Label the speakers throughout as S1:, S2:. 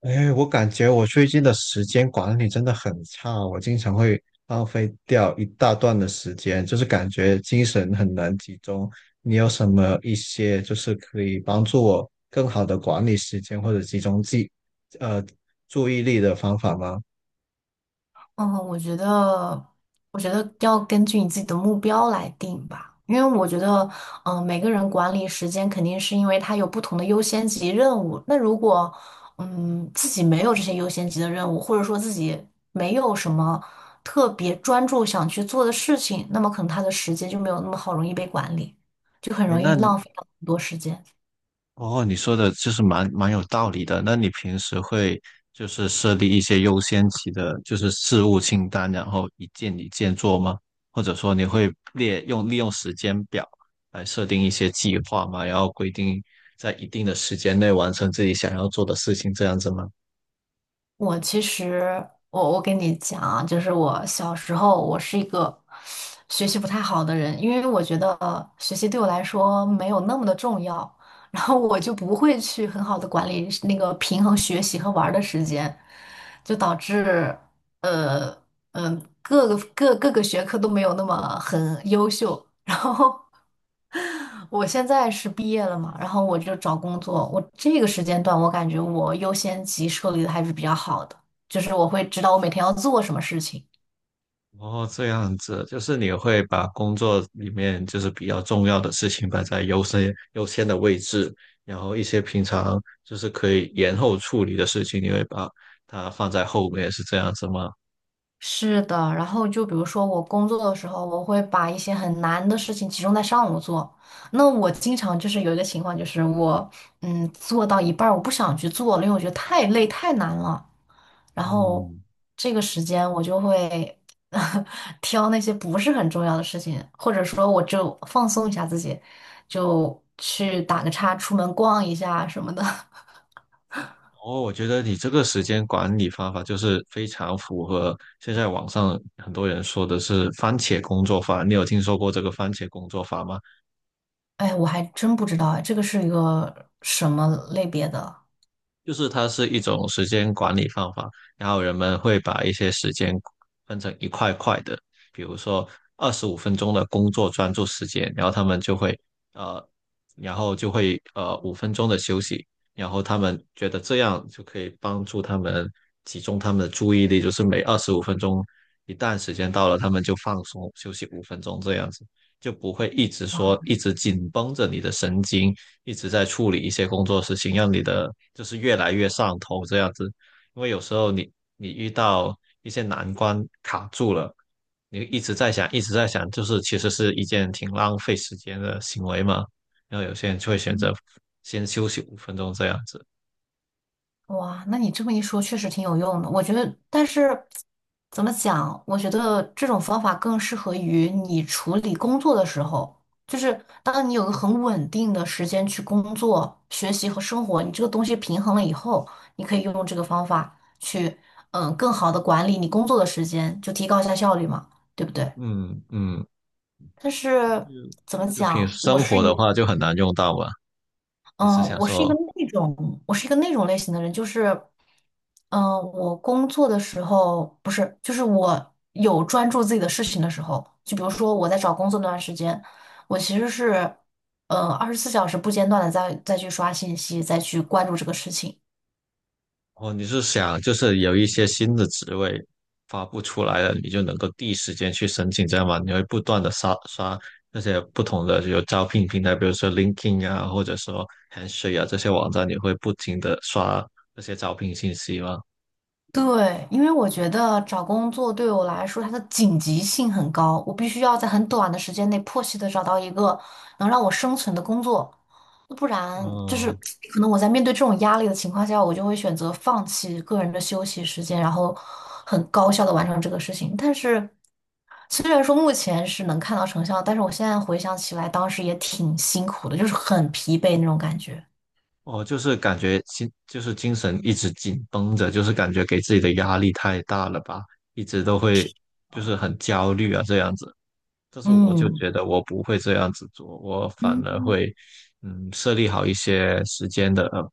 S1: 哎，我感觉我最近的时间管理真的很差，我经常会浪费掉一大段的时间，就是感觉精神很难集中。你有什么一些就是可以帮助我更好的管理时间或者集中呃，注意力的方法吗？
S2: 嗯，我觉得，我觉得要根据你自己的目标来定吧，因为我觉得，每个人管理时间肯定是因为他有不同的优先级任务。那如果，自己没有这些优先级的任务，或者说自己没有什么特别专注想去做的事情，那么可能他的时间就没有那么好容易被管理，就很
S1: 哎，
S2: 容易浪费到很多时间。
S1: 哦，你说的就是蛮有道理的。那你平时会就是设立一些优先级的，就是事务清单，然后一件一件做吗？或者说你会利用时间表来设定一些计划吗？然后规定在一定的时间内完成自己想要做的事情，这样子吗？
S2: 我其实，我跟你讲啊，就是我小时候，我是一个学习不太好的人，因为我觉得学习对我来说没有那么的重要，然后我就不会去很好的管理那个平衡学习和玩儿的时间，就导致呃嗯、各个学科都没有那么很优秀，然后 我现在是毕业了嘛，然后我就找工作。我这个时间段，我感觉我优先级设立的还是比较好的，就是我会知道我每天要做什么事情。
S1: 哦，这样子，就是你会把工作里面就是比较重要的事情摆在优先的位置，然后一些平常就是可以延后处理的事情，你会把它放在后面，是这样子吗？
S2: 是的，然后就比如说我工作的时候，我会把一些很难的事情集中在上午做。那我经常就是有一个情况，就是我做到一半儿我不想去做了，因为我觉得太累太难了。然后
S1: 嗯，
S2: 这个时间我就会 挑那些不是很重要的事情，或者说我就放松一下自己，就去打个叉，出门逛一下什么的。
S1: 哦，我觉得你这个时间管理方法就是非常符合现在网上很多人说的是番茄工作法，你有听说过这个番茄工作法吗？
S2: 哎，我还真不知道哎，这个是一个什么类别的。
S1: 就是它是一种时间管理方法，然后人们会把一些时间分成一块块的，比如说二十五分钟的工作专注时间，然后他们就会呃，然后就会五分钟的休息，然后他们觉得这样就可以帮助他们集中他们的注意力，就是每二十五分钟一旦时间到了，他们就放松休息五分钟这样子，就不会一直说一直紧绷着你的神经，一直在处理一些工作事情，让你的就是越来越上头这样子。因为有时候你遇到一些难关卡住了，你一直在想，一直在想，就是其实是一件挺浪费时间的行为嘛。然后有些人就会选择先休息五分钟这样子。
S2: 哇，那你这么一说，确实挺有用的。我觉得，但是怎么讲？我觉得这种方法更适合于你处理工作的时候，就是当你有个很稳定的时间去工作、学习和生活，你这个东西平衡了以后，你可以用这个方法去，更好的管理你工作的时间，就提高一下效率嘛，对不对？
S1: 嗯嗯，
S2: 但是怎么
S1: 就平时
S2: 讲？我
S1: 生
S2: 是
S1: 活的
S2: 一。
S1: 话就很难用到嘛。你是
S2: 嗯，
S1: 想说
S2: 我是一个那种类型的人，就是，嗯，我工作的时候不是，就是我有专注自己的事情的时候，就比如说我在找工作那段时间，我其实是，24小时不间断的再去刷信息，再去关注这个事情，
S1: 哦，你是想就是有一些新的职位发布出来了，你就能够第一时间去申请，这样吗？你会不断的刷刷那些不同的有招聘平台，比如说 LinkedIn 啊，或者说 Handshake 啊这些网站，你会不停的刷这些招聘信息吗？
S2: 对，因为我觉得找工作对我来说，它的紧急性很高，我必须要在很短的时间内迫切的找到一个能让我生存的工作，不然就是
S1: 哦，
S2: 可能我在面对这种压力的情况下，我就会选择放弃个人的休息时间，然后很高效的完成这个事情。但是虽然说目前是能看到成效，但是我现在回想起来，当时也挺辛苦的，就是很疲惫那种感觉。
S1: 哦，就是感觉心就是精神一直紧绷着，就是感觉给自己的压力太大了吧，一直都会就是很焦虑啊这样子。但是我就
S2: 嗯。
S1: 觉得我不会这样子做，我反而
S2: 嗯，
S1: 会，嗯，设立好一些时间的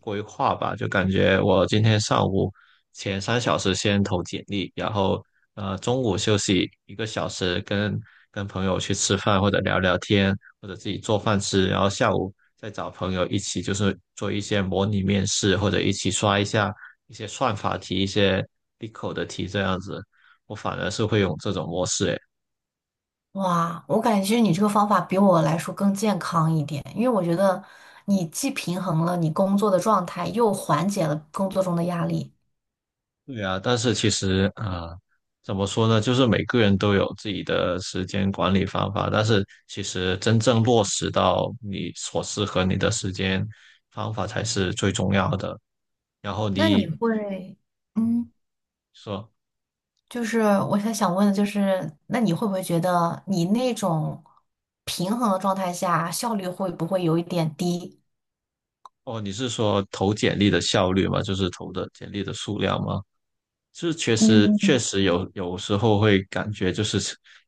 S1: 规划吧。就感觉我今天上午前3小时先投简历，然后中午休息1个小时跟，跟朋友去吃饭或者聊聊天，或者自己做饭吃，然后下午再找朋友一起就是做一些模拟面试，或者一起刷一下一些算法题、一些 BICO 的题这样子。我反而是会用这种模式，哎。
S2: 哇，我感觉其实你这个方法比我来说更健康一点，因为我觉得你既平衡了你工作的状态，又缓解了工作中的压力。
S1: 对啊，但是其实啊、怎么说呢？就是每个人都有自己的时间管理方法，但是其实真正落实到你所适合你的时间方法才是最重要的。然后
S2: 那你
S1: 你
S2: 会，嗯，
S1: 说，
S2: 就是我想问的就是，那你会不会觉得你那种平衡的状态下，效率会不会有一点低？
S1: 哦，你是说投简历的效率吗？就是投的简历的数量吗？是确实确
S2: 嗯。
S1: 实有时候会感觉就是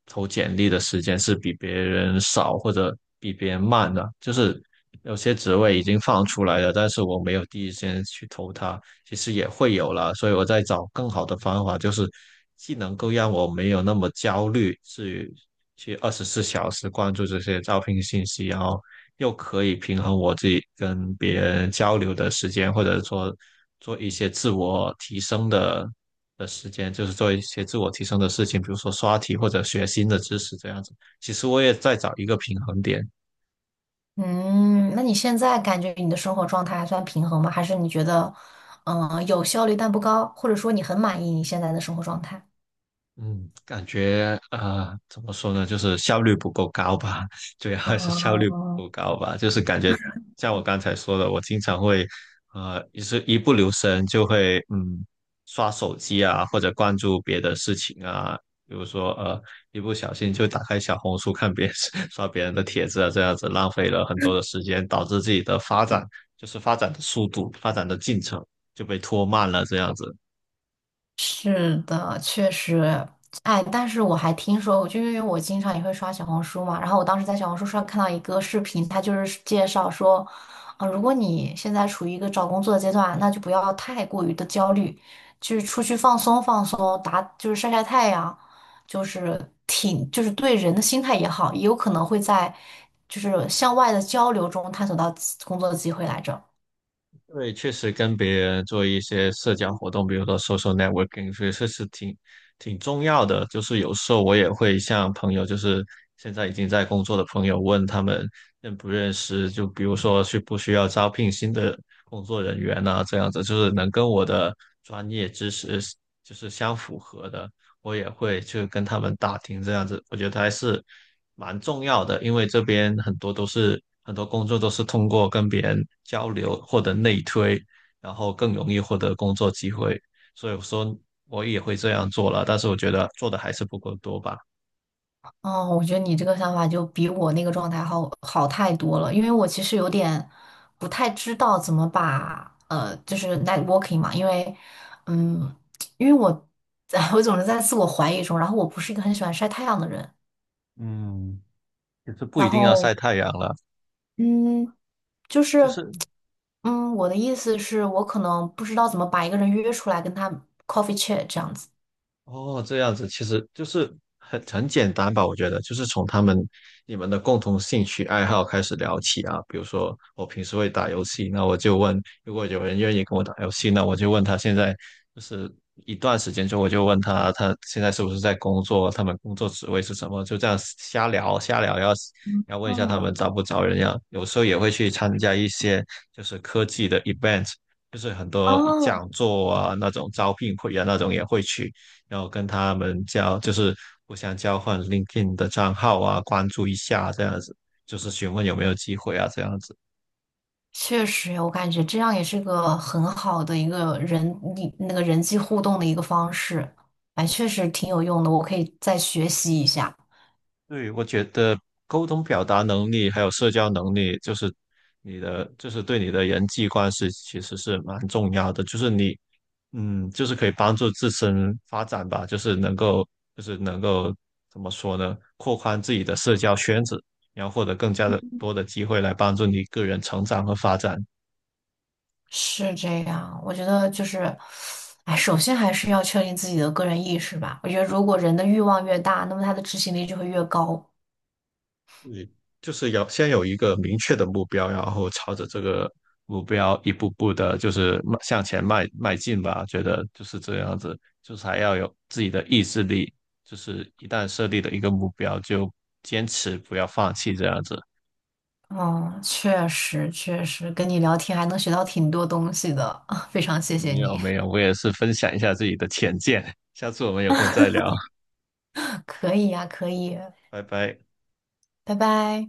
S1: 投简历的时间是比别人少或者比别人慢的，就是有些职位已经放出来了，但是我没有第一时间去投它，其实也会有了，所以我在找更好的方法，就是既能够让我没有那么焦虑，至于去24小时关注这些招聘信息，然后又可以平衡我自己跟别人交流的时间，或者说做一些自我提升的时间，就是做一些自我提升的事情，比如说刷题或者学新的知识这样子。其实我也在找一个平衡点，
S2: 嗯，那你现在感觉你的生活状态还算平衡吗？还是你觉得，有效率但不高，或者说你很满意你现在的生活状态？
S1: 嗯，感觉怎么说呢，就是效率不够高吧，主要还是效率
S2: 嗯，
S1: 不够高吧，就是感觉像我刚才说的，我经常会也是一不留神就会刷手机啊，或者关注别的事情啊，比如说一不小心就打开小红书看别人 刷别人的帖子啊，这样子浪费了很多的时间，导致自己的发展就是发展的速度、发展的进程就被拖慢了，这样子。
S2: 是的，确实，哎，但是我还听说，就因为我经常也会刷小红书嘛，然后我当时在小红书上看到一个视频，它就是介绍说，如果你现在处于一个找工作的阶段，那就不要太过于的焦虑，就是出去放松放松，就是晒晒太阳，就是挺就是对人的心态也好，也有可能会在就是向外的交流中探索到工作的机会来着。
S1: 对，确实跟别人做一些社交活动，比如说 social networking，所以这是挺重要的。就是有时候我也会向朋友，就是现在已经在工作的朋友，问他们认不认识，就比如说需不需要招聘新的工作人员啊，这样子，就是能跟我的专业知识就是相符合的。我也会去跟他们打听这样子，我觉得还是蛮重要的，因为这边很多工作都是通过跟别人交流获得内推，然后更容易获得工作机会，所以我说我也会这样做了，但是我觉得做的还是不够多吧。
S2: 哦，我觉得你这个想法就比我那个状态好太多了，因为我其实有点不太知道怎么把就是 networking 嘛，因为嗯，因为我 我总是在自我怀疑中，然后我不是一个很喜欢晒太阳的人，
S1: 嗯，就是不
S2: 然
S1: 一定要晒
S2: 后
S1: 太阳了，
S2: 嗯，就是
S1: 就是
S2: 嗯，我的意思是我可能不知道怎么把一个人约出来跟他 coffee chat 这样子。
S1: 哦，这样子其实就是很简单吧，我觉得就是从他们你们的共同兴趣爱好开始聊起啊。比如说我平时会打游戏，那我就问，如果有人愿意跟我打游戏，那我就问他现在就是一段时间之后，我就问他现在是不是在工作，他们工作职位是什么，就这样瞎聊瞎聊，要
S2: 嗯，
S1: 要问一下他
S2: 哦
S1: 们招不招人呀。有时候也会去参加一些就是科技的 event。就是很多
S2: 哦，
S1: 讲座啊，那种招聘会啊，那种也会去，然后跟他们交，就是互相交换 LinkedIn 的账号啊，关注一下这样子，就是询问有没有机会啊，这样子。
S2: 确实，我感觉这样也是个很好的一个人，你那个人际互动的一个方式，哎，确实挺有用的，我可以再学习一下。
S1: 对，我觉得沟通表达能力还有社交能力，就是你的，就是对你的人际关系其实是蛮重要的，就是你，嗯，就是可以帮助自身发展吧，就是能够，就是能够怎么说呢，扩宽自己的社交圈子，然后获得更加的多的机会来帮助你个人成长和发展。
S2: 是这样，我觉得就是，哎，首先还是要确定自己的个人意识吧。我觉得如果人的欲望越大，那么他的执行力就会越高。
S1: 就是要先有一个明确的目标，然后朝着这个目标一步步的，就是迈向前迈进吧。觉得就是这样子，就是还要有自己的意志力，就是一旦设立了一个目标，就坚持，不要放弃这样子。
S2: 嗯，确实，跟你聊天还能学到挺多东西的，非常谢谢
S1: 没有
S2: 你。
S1: 没有，我也是分享一下自己的浅见，下次我们有空再聊，
S2: 可以呀，可以，
S1: 拜拜。
S2: 拜拜。